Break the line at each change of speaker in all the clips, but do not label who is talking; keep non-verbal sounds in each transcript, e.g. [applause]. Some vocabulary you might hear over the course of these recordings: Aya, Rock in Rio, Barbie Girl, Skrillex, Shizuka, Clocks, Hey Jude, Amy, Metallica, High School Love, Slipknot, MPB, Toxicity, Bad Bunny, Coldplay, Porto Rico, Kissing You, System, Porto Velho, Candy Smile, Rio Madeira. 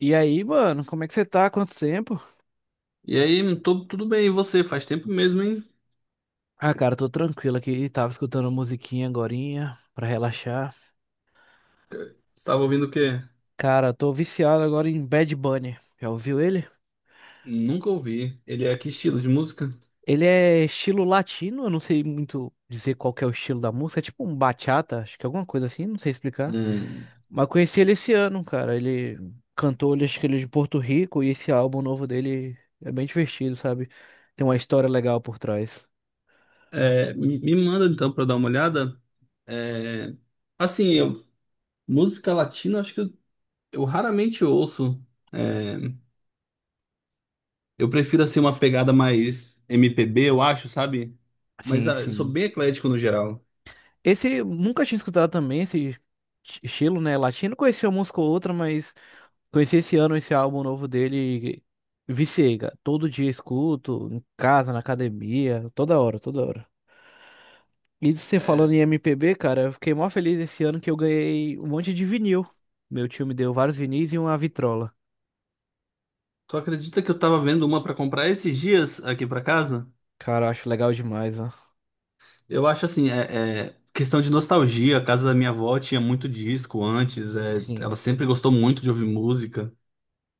E aí, mano, como é que você tá? Quanto tempo?
E aí, tudo bem, e você? Faz tempo mesmo, hein?
Ah, cara, tô tranquilo aqui. Tava escutando musiquinha agorinha pra relaxar.
Estava ouvindo o quê?
Cara, tô viciado agora em Bad Bunny. Já ouviu ele?
Nunca ouvi. Ele é que estilo de música?
Ele é estilo latino, eu não sei muito dizer qual que é o estilo da música. É tipo um bachata, acho que é alguma coisa assim, não sei explicar.
Hum.
Mas conheci ele esse ano, cara. Ele cantou, ele, acho que ele é de Porto Rico e esse álbum novo dele é bem divertido, sabe? Tem uma história legal por trás.
É, me manda então pra dar uma olhada. É, assim, música latina, acho que eu raramente ouço. É, eu prefiro assim uma pegada mais MPB, eu acho, sabe? Mas
Sim,
ah, eu sou
sim.
bem eclético no geral.
Esse nunca tinha escutado também estilo, né? Latino, conhecia uma música ou outra, mas conheci esse ano esse álbum novo dele e viciei, cara. Todo dia escuto, em casa, na academia, toda hora, toda hora. E você falando
É,
em MPB, cara, eu fiquei mó feliz esse ano que eu ganhei um monte de vinil. Meu tio me deu vários vinis e uma vitrola.
tu acredita que eu tava vendo uma pra comprar esses dias aqui pra casa?
Cara, eu acho legal demais, ó.
Eu acho assim, é questão de nostalgia. A casa da minha avó tinha muito disco antes, é,
Sim.
ela sempre gostou muito de ouvir música.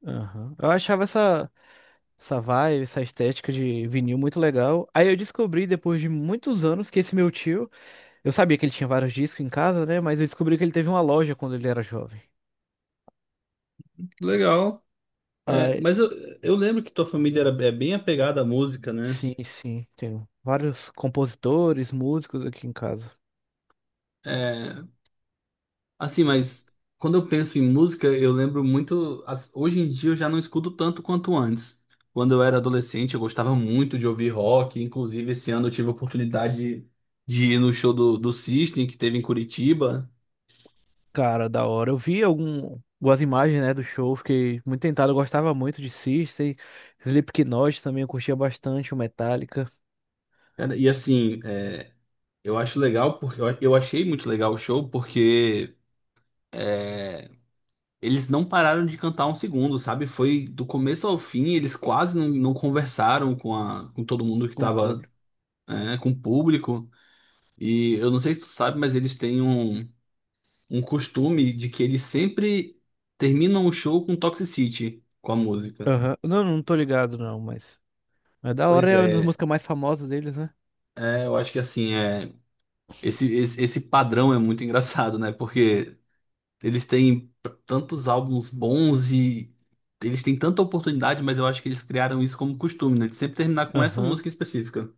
Aham. Eu achava essa vibe, essa estética de vinil muito legal. Aí eu descobri, depois de muitos anos, que esse meu tio. Eu sabia que ele tinha vários discos em casa, né? Mas eu descobri que ele teve uma loja quando ele era jovem.
Legal.
Ah,
É, mas eu lembro que tua família era é bem apegada à música, né?
sim, sim. Tenho vários compositores, músicos aqui em casa.
É, assim, mas quando eu penso em música, eu lembro muito. Hoje em dia eu já não escuto tanto quanto antes. Quando eu era adolescente, eu gostava muito de ouvir rock. Inclusive, esse ano eu tive a oportunidade de ir no show do System, que teve em Curitiba.
Cara, da hora. Algumas imagens, né, do show, fiquei muito tentado. Eu gostava muito de System, Slipknot também, eu curtia bastante o Metallica.
Cara, e assim, é, eu acho legal porque eu achei muito legal o show, porque é, eles não pararam de cantar um segundo, sabe? Foi do começo ao fim, eles quase não conversaram com, com todo mundo que
Com o
tava,
público.
é, com o público. E eu não sei se tu sabe, mas eles têm um costume de que eles sempre terminam o show com Toxicity, com a música.
Aham. Não, não tô ligado não, mas... É da hora,
Pois
é uma das
é,
músicas mais famosas deles, né?
é, eu acho que assim, é, esse padrão é muito [laughs] engraçado, né? Porque eles têm tantos álbuns bons e eles têm tanta oportunidade, mas eu acho que eles criaram isso como costume, né? De sempre terminar com essa
Aham.
música em específica.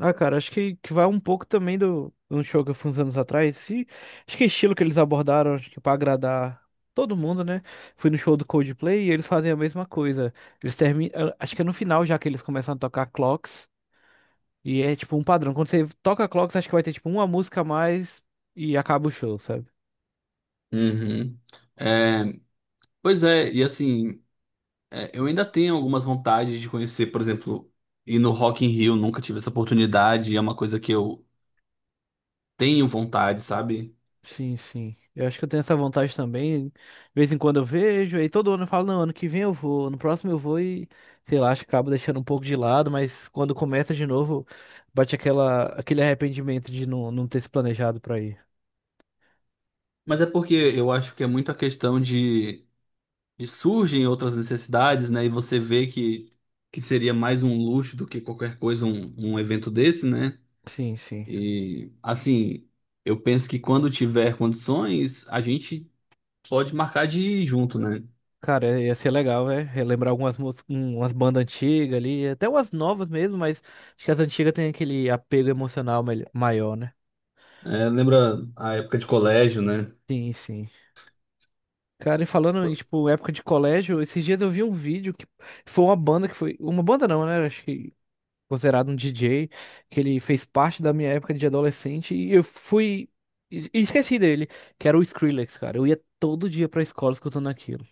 Ah, cara, que vai um pouco também do, de um show que eu fui uns anos atrás. E acho que é estilo que eles abordaram, acho que pra agradar todo mundo, né? Fui no show do Coldplay e eles fazem a mesma coisa. Eles terminam. Acho que é no final já que eles começam a tocar Clocks. E é tipo um padrão. Quando você toca Clocks, acho que vai ter tipo uma música a mais e acaba o show, sabe?
Uhum. É, pois é, e assim, é, eu ainda tenho algumas vontades de conhecer, por exemplo, ir no Rock in Rio, nunca tive essa oportunidade, é uma coisa que eu tenho vontade, sabe?
Sim, sim. Eu acho que eu tenho essa vontade também. De vez em quando eu vejo, aí todo ano eu falo, não, ano que vem eu vou, no próximo eu vou e, sei lá, acho que acabo deixando um pouco de lado, mas quando começa de novo, bate aquele arrependimento de não, não ter se planejado pra ir.
Mas é porque eu acho que é muito a questão de surgem outras necessidades, né? E você vê que seria mais um luxo do que qualquer coisa, um evento desse, né?
Sim, sim.
E assim, eu penso que quando tiver condições, a gente pode marcar de ir junto, né?
Cara, é, ia ser legal, né? Relembrar algumas mús- um- umas bandas antigas ali, até umas novas mesmo, mas acho que as antigas têm aquele apego emocional maior, né?
É, lembra a época de colégio, né?
Sim, sim. Cara, e falando em, tipo, época de colégio, esses dias eu vi um vídeo que foi uma banda que foi. Uma banda não, né? Acho que considerado um DJ, que ele fez parte da minha época de adolescente e eu fui. Esqueci dele, que era o Skrillex, cara. Eu ia todo dia pra escola escutando aquilo.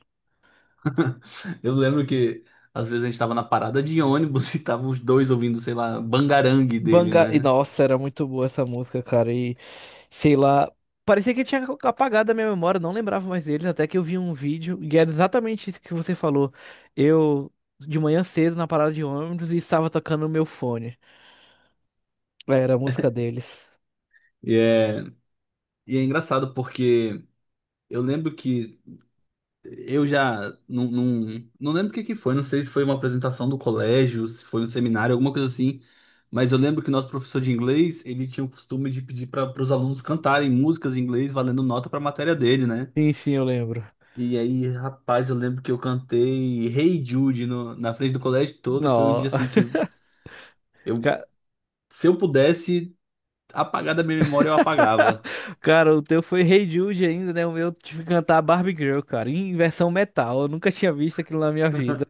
Eu lembro que às vezes a gente tava na parada de ônibus [laughs] e tava os dois ouvindo, sei lá, bangarangue dele,
Banga... E
né?
nossa, era muito boa essa música, cara. E sei lá. Parecia que tinha apagado a minha memória, não lembrava mais deles, até que eu vi um vídeo, e era exatamente isso que você falou. Eu, de manhã cedo, na parada de ônibus, e estava tocando o meu fone. Era a música deles.
E é, e é engraçado, porque eu lembro que eu já não lembro o que que foi, não sei se foi uma apresentação do colégio, se foi um seminário, alguma coisa assim, mas eu lembro que o nosso professor de inglês, ele tinha o costume de pedir para os alunos cantarem músicas em inglês valendo nota para a matéria dele, né?
Sim, sim, eu lembro.
E aí, rapaz, eu lembro que eu cantei Hey Jude na frente do colégio todo, e foi um
Não.
dia assim que
[laughs]
eu,
Ca-
se eu pudesse apagar da minha memória, eu apagava.
[laughs] Cara, o teu foi Hey Jude ainda, né? O meu eu tive que cantar Barbie Girl, cara, em versão metal. Eu nunca tinha visto aquilo na minha vida.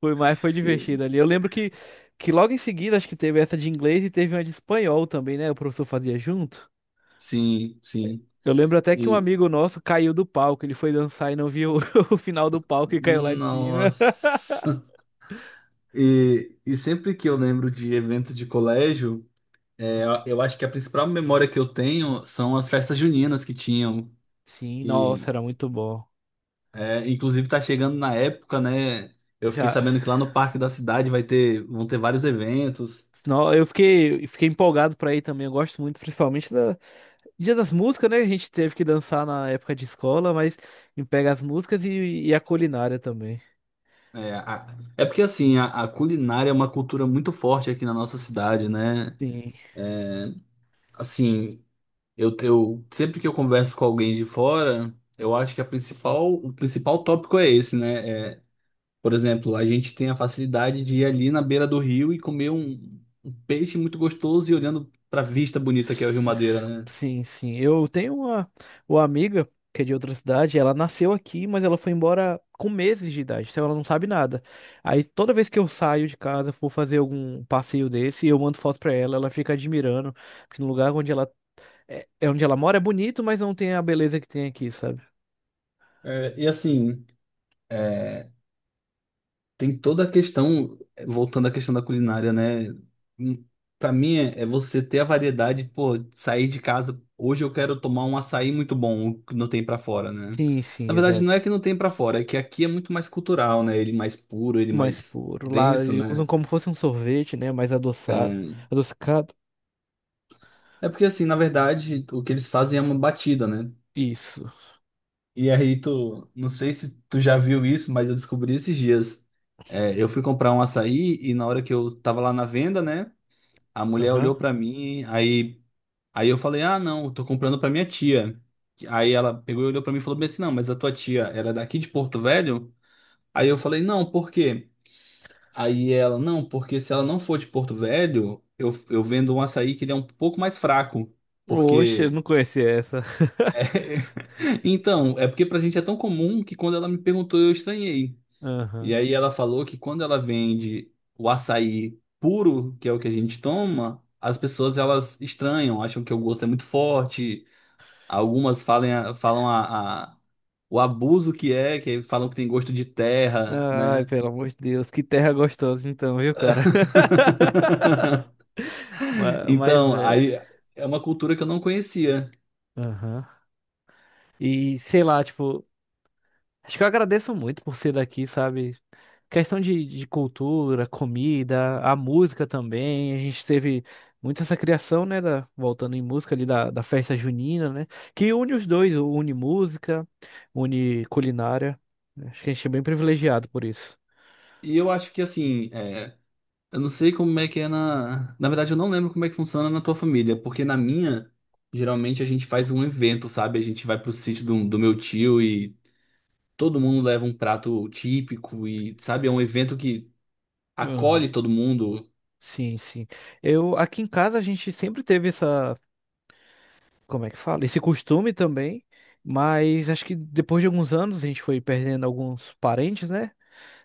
Foi mais, foi
E-
divertido ali. Que logo em seguida, acho que teve essa de inglês e teve uma de espanhol também, né? O professor fazia junto.
Sim, sim.
Eu lembro até que um
E
amigo nosso caiu do palco. Ele foi dançar e não viu [laughs] o final do palco e caiu lá de cima. [laughs]
nossa. E sempre que eu lembro de evento de colégio, é, eu acho que a principal memória que eu tenho são as festas juninas que tinham,
Sim, nossa,
que
era muito bom.
é, inclusive tá chegando na época, né? Eu fiquei
Já
sabendo que lá no Parque da Cidade vai ter, vão ter vários eventos.
senão eu fiquei empolgado pra ir também. Eu gosto muito, principalmente da Dia das Músicas, né? A gente teve que dançar na época de escola, mas me pega as músicas e a culinária também.
É, é porque assim, a culinária é uma cultura muito forte aqui na nossa cidade, né?
Sim,
Assim, eu sempre que eu converso com alguém de fora, eu acho que a principal, o principal tópico é esse, né? É, por exemplo, a gente tem a facilidade de ir ali na beira do rio e comer um peixe muito gostoso e olhando para a vista bonita que é o Rio
S-
Madeira, né?
sim, sim. Eu tenho uma amiga que é de outra cidade. Ela nasceu aqui, mas ela foi embora com meses de idade, então ela não sabe nada. Aí toda vez que eu saio de casa, for fazer algum passeio desse, eu mando foto pra ela, ela fica admirando, porque no lugar onde ela é é onde ela mora é bonito, mas não tem a beleza que tem aqui, sabe?
É, e assim, é, tem toda a questão, é, voltando à questão da culinária, né? Para mim é você ter a variedade, pô, sair de casa, hoje eu quero tomar um açaí muito bom, o que não tem para fora, né?
Sim, sim,
Na verdade, não é
exato.
que não tem para fora, é que aqui é muito mais cultural, né? Ele mais puro, ele
Mais
mais
puro. Lá
denso,
usam
né?
como fosse um sorvete, né? Mais
É,
adoçado. Adocicado.
É porque assim, na verdade, o que eles fazem é uma batida, né?
Isso.
E aí não sei se tu já viu isso, mas eu descobri esses dias. É, eu fui comprar um açaí e na hora que eu tava lá na venda, né? A mulher
Aham.
olhou pra mim, aí eu falei, ah, não, eu tô comprando pra minha tia. Aí ela pegou e olhou pra mim e falou bem assim, não, mas a tua tia era daqui de Porto Velho? Aí eu falei, não, por quê? Aí ela, não, porque se ela não for de Porto Velho, eu vendo um açaí que ele é um pouco mais fraco,
Oxe, eu
porque.
não conhecia essa. [laughs]
[laughs] Então, é porque pra gente é tão comum que quando ela me perguntou, eu estranhei. E
Aham.
aí ela falou que quando ela vende o açaí puro, que é o que a gente toma, as pessoas elas estranham, acham que o gosto é muito forte. Algumas falam o abuso que é, que falam que tem gosto de terra,
Ai,
né?
pelo amor de Deus, que terra gostosa então, viu, cara? [laughs]
[laughs]
Ma- Mas
Então,
é.
aí é uma cultura que eu não conhecia.
Aham. E sei lá, tipo. Acho que eu agradeço muito por ser daqui, sabe? Questão de cultura, comida, a música também. A gente teve muito essa criação, né? da- voltando em música ali da festa junina, né? Que une os dois, une música, une culinária. Acho que a gente é bem privilegiado por isso.
E eu acho que assim, é, eu não sei como é que é na. Na verdade, eu não lembro como é que funciona na tua família, porque na minha, geralmente a gente faz um evento, sabe? A gente vai pro sítio do meu tio e todo mundo leva um prato típico e, sabe, é um evento que
Aham.
acolhe todo mundo.
Sim, sim. Eu aqui em casa a gente sempre teve essa, como é que fala? Esse costume também, mas acho que depois de alguns anos a gente foi perdendo alguns parentes, né?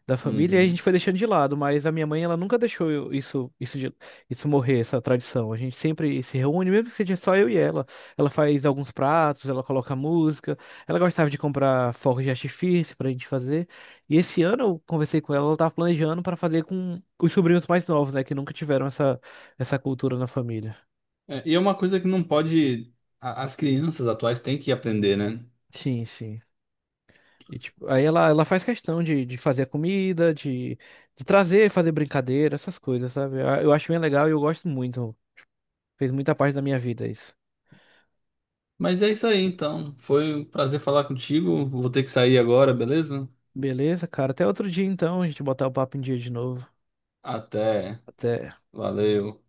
Da família e a gente
Uhum.
foi deixando de lado, mas a minha mãe ela nunca deixou isso isso morrer, essa tradição. A gente sempre se reúne, mesmo que seja só eu e ela. Ela faz alguns pratos, ela coloca música, ela gostava de comprar fogos de artifício pra gente fazer. E esse ano eu conversei com ela, ela tava planejando para fazer com os sobrinhos mais novos, né, que nunca tiveram essa cultura na família.
É, e é uma coisa que não pode. As crianças atuais têm que aprender, né?
Sim, sim. E, tipo, ela faz questão de fazer a comida, de trazer, fazer brincadeira, essas coisas, sabe? Eu acho bem legal e eu gosto muito. Fez muita parte da minha vida isso.
Mas é isso aí, então. Foi um prazer falar contigo. Vou ter que sair agora, beleza?
Beleza, cara. Até outro dia então, a gente botar o papo em dia de novo.
Até.
Até.
Valeu.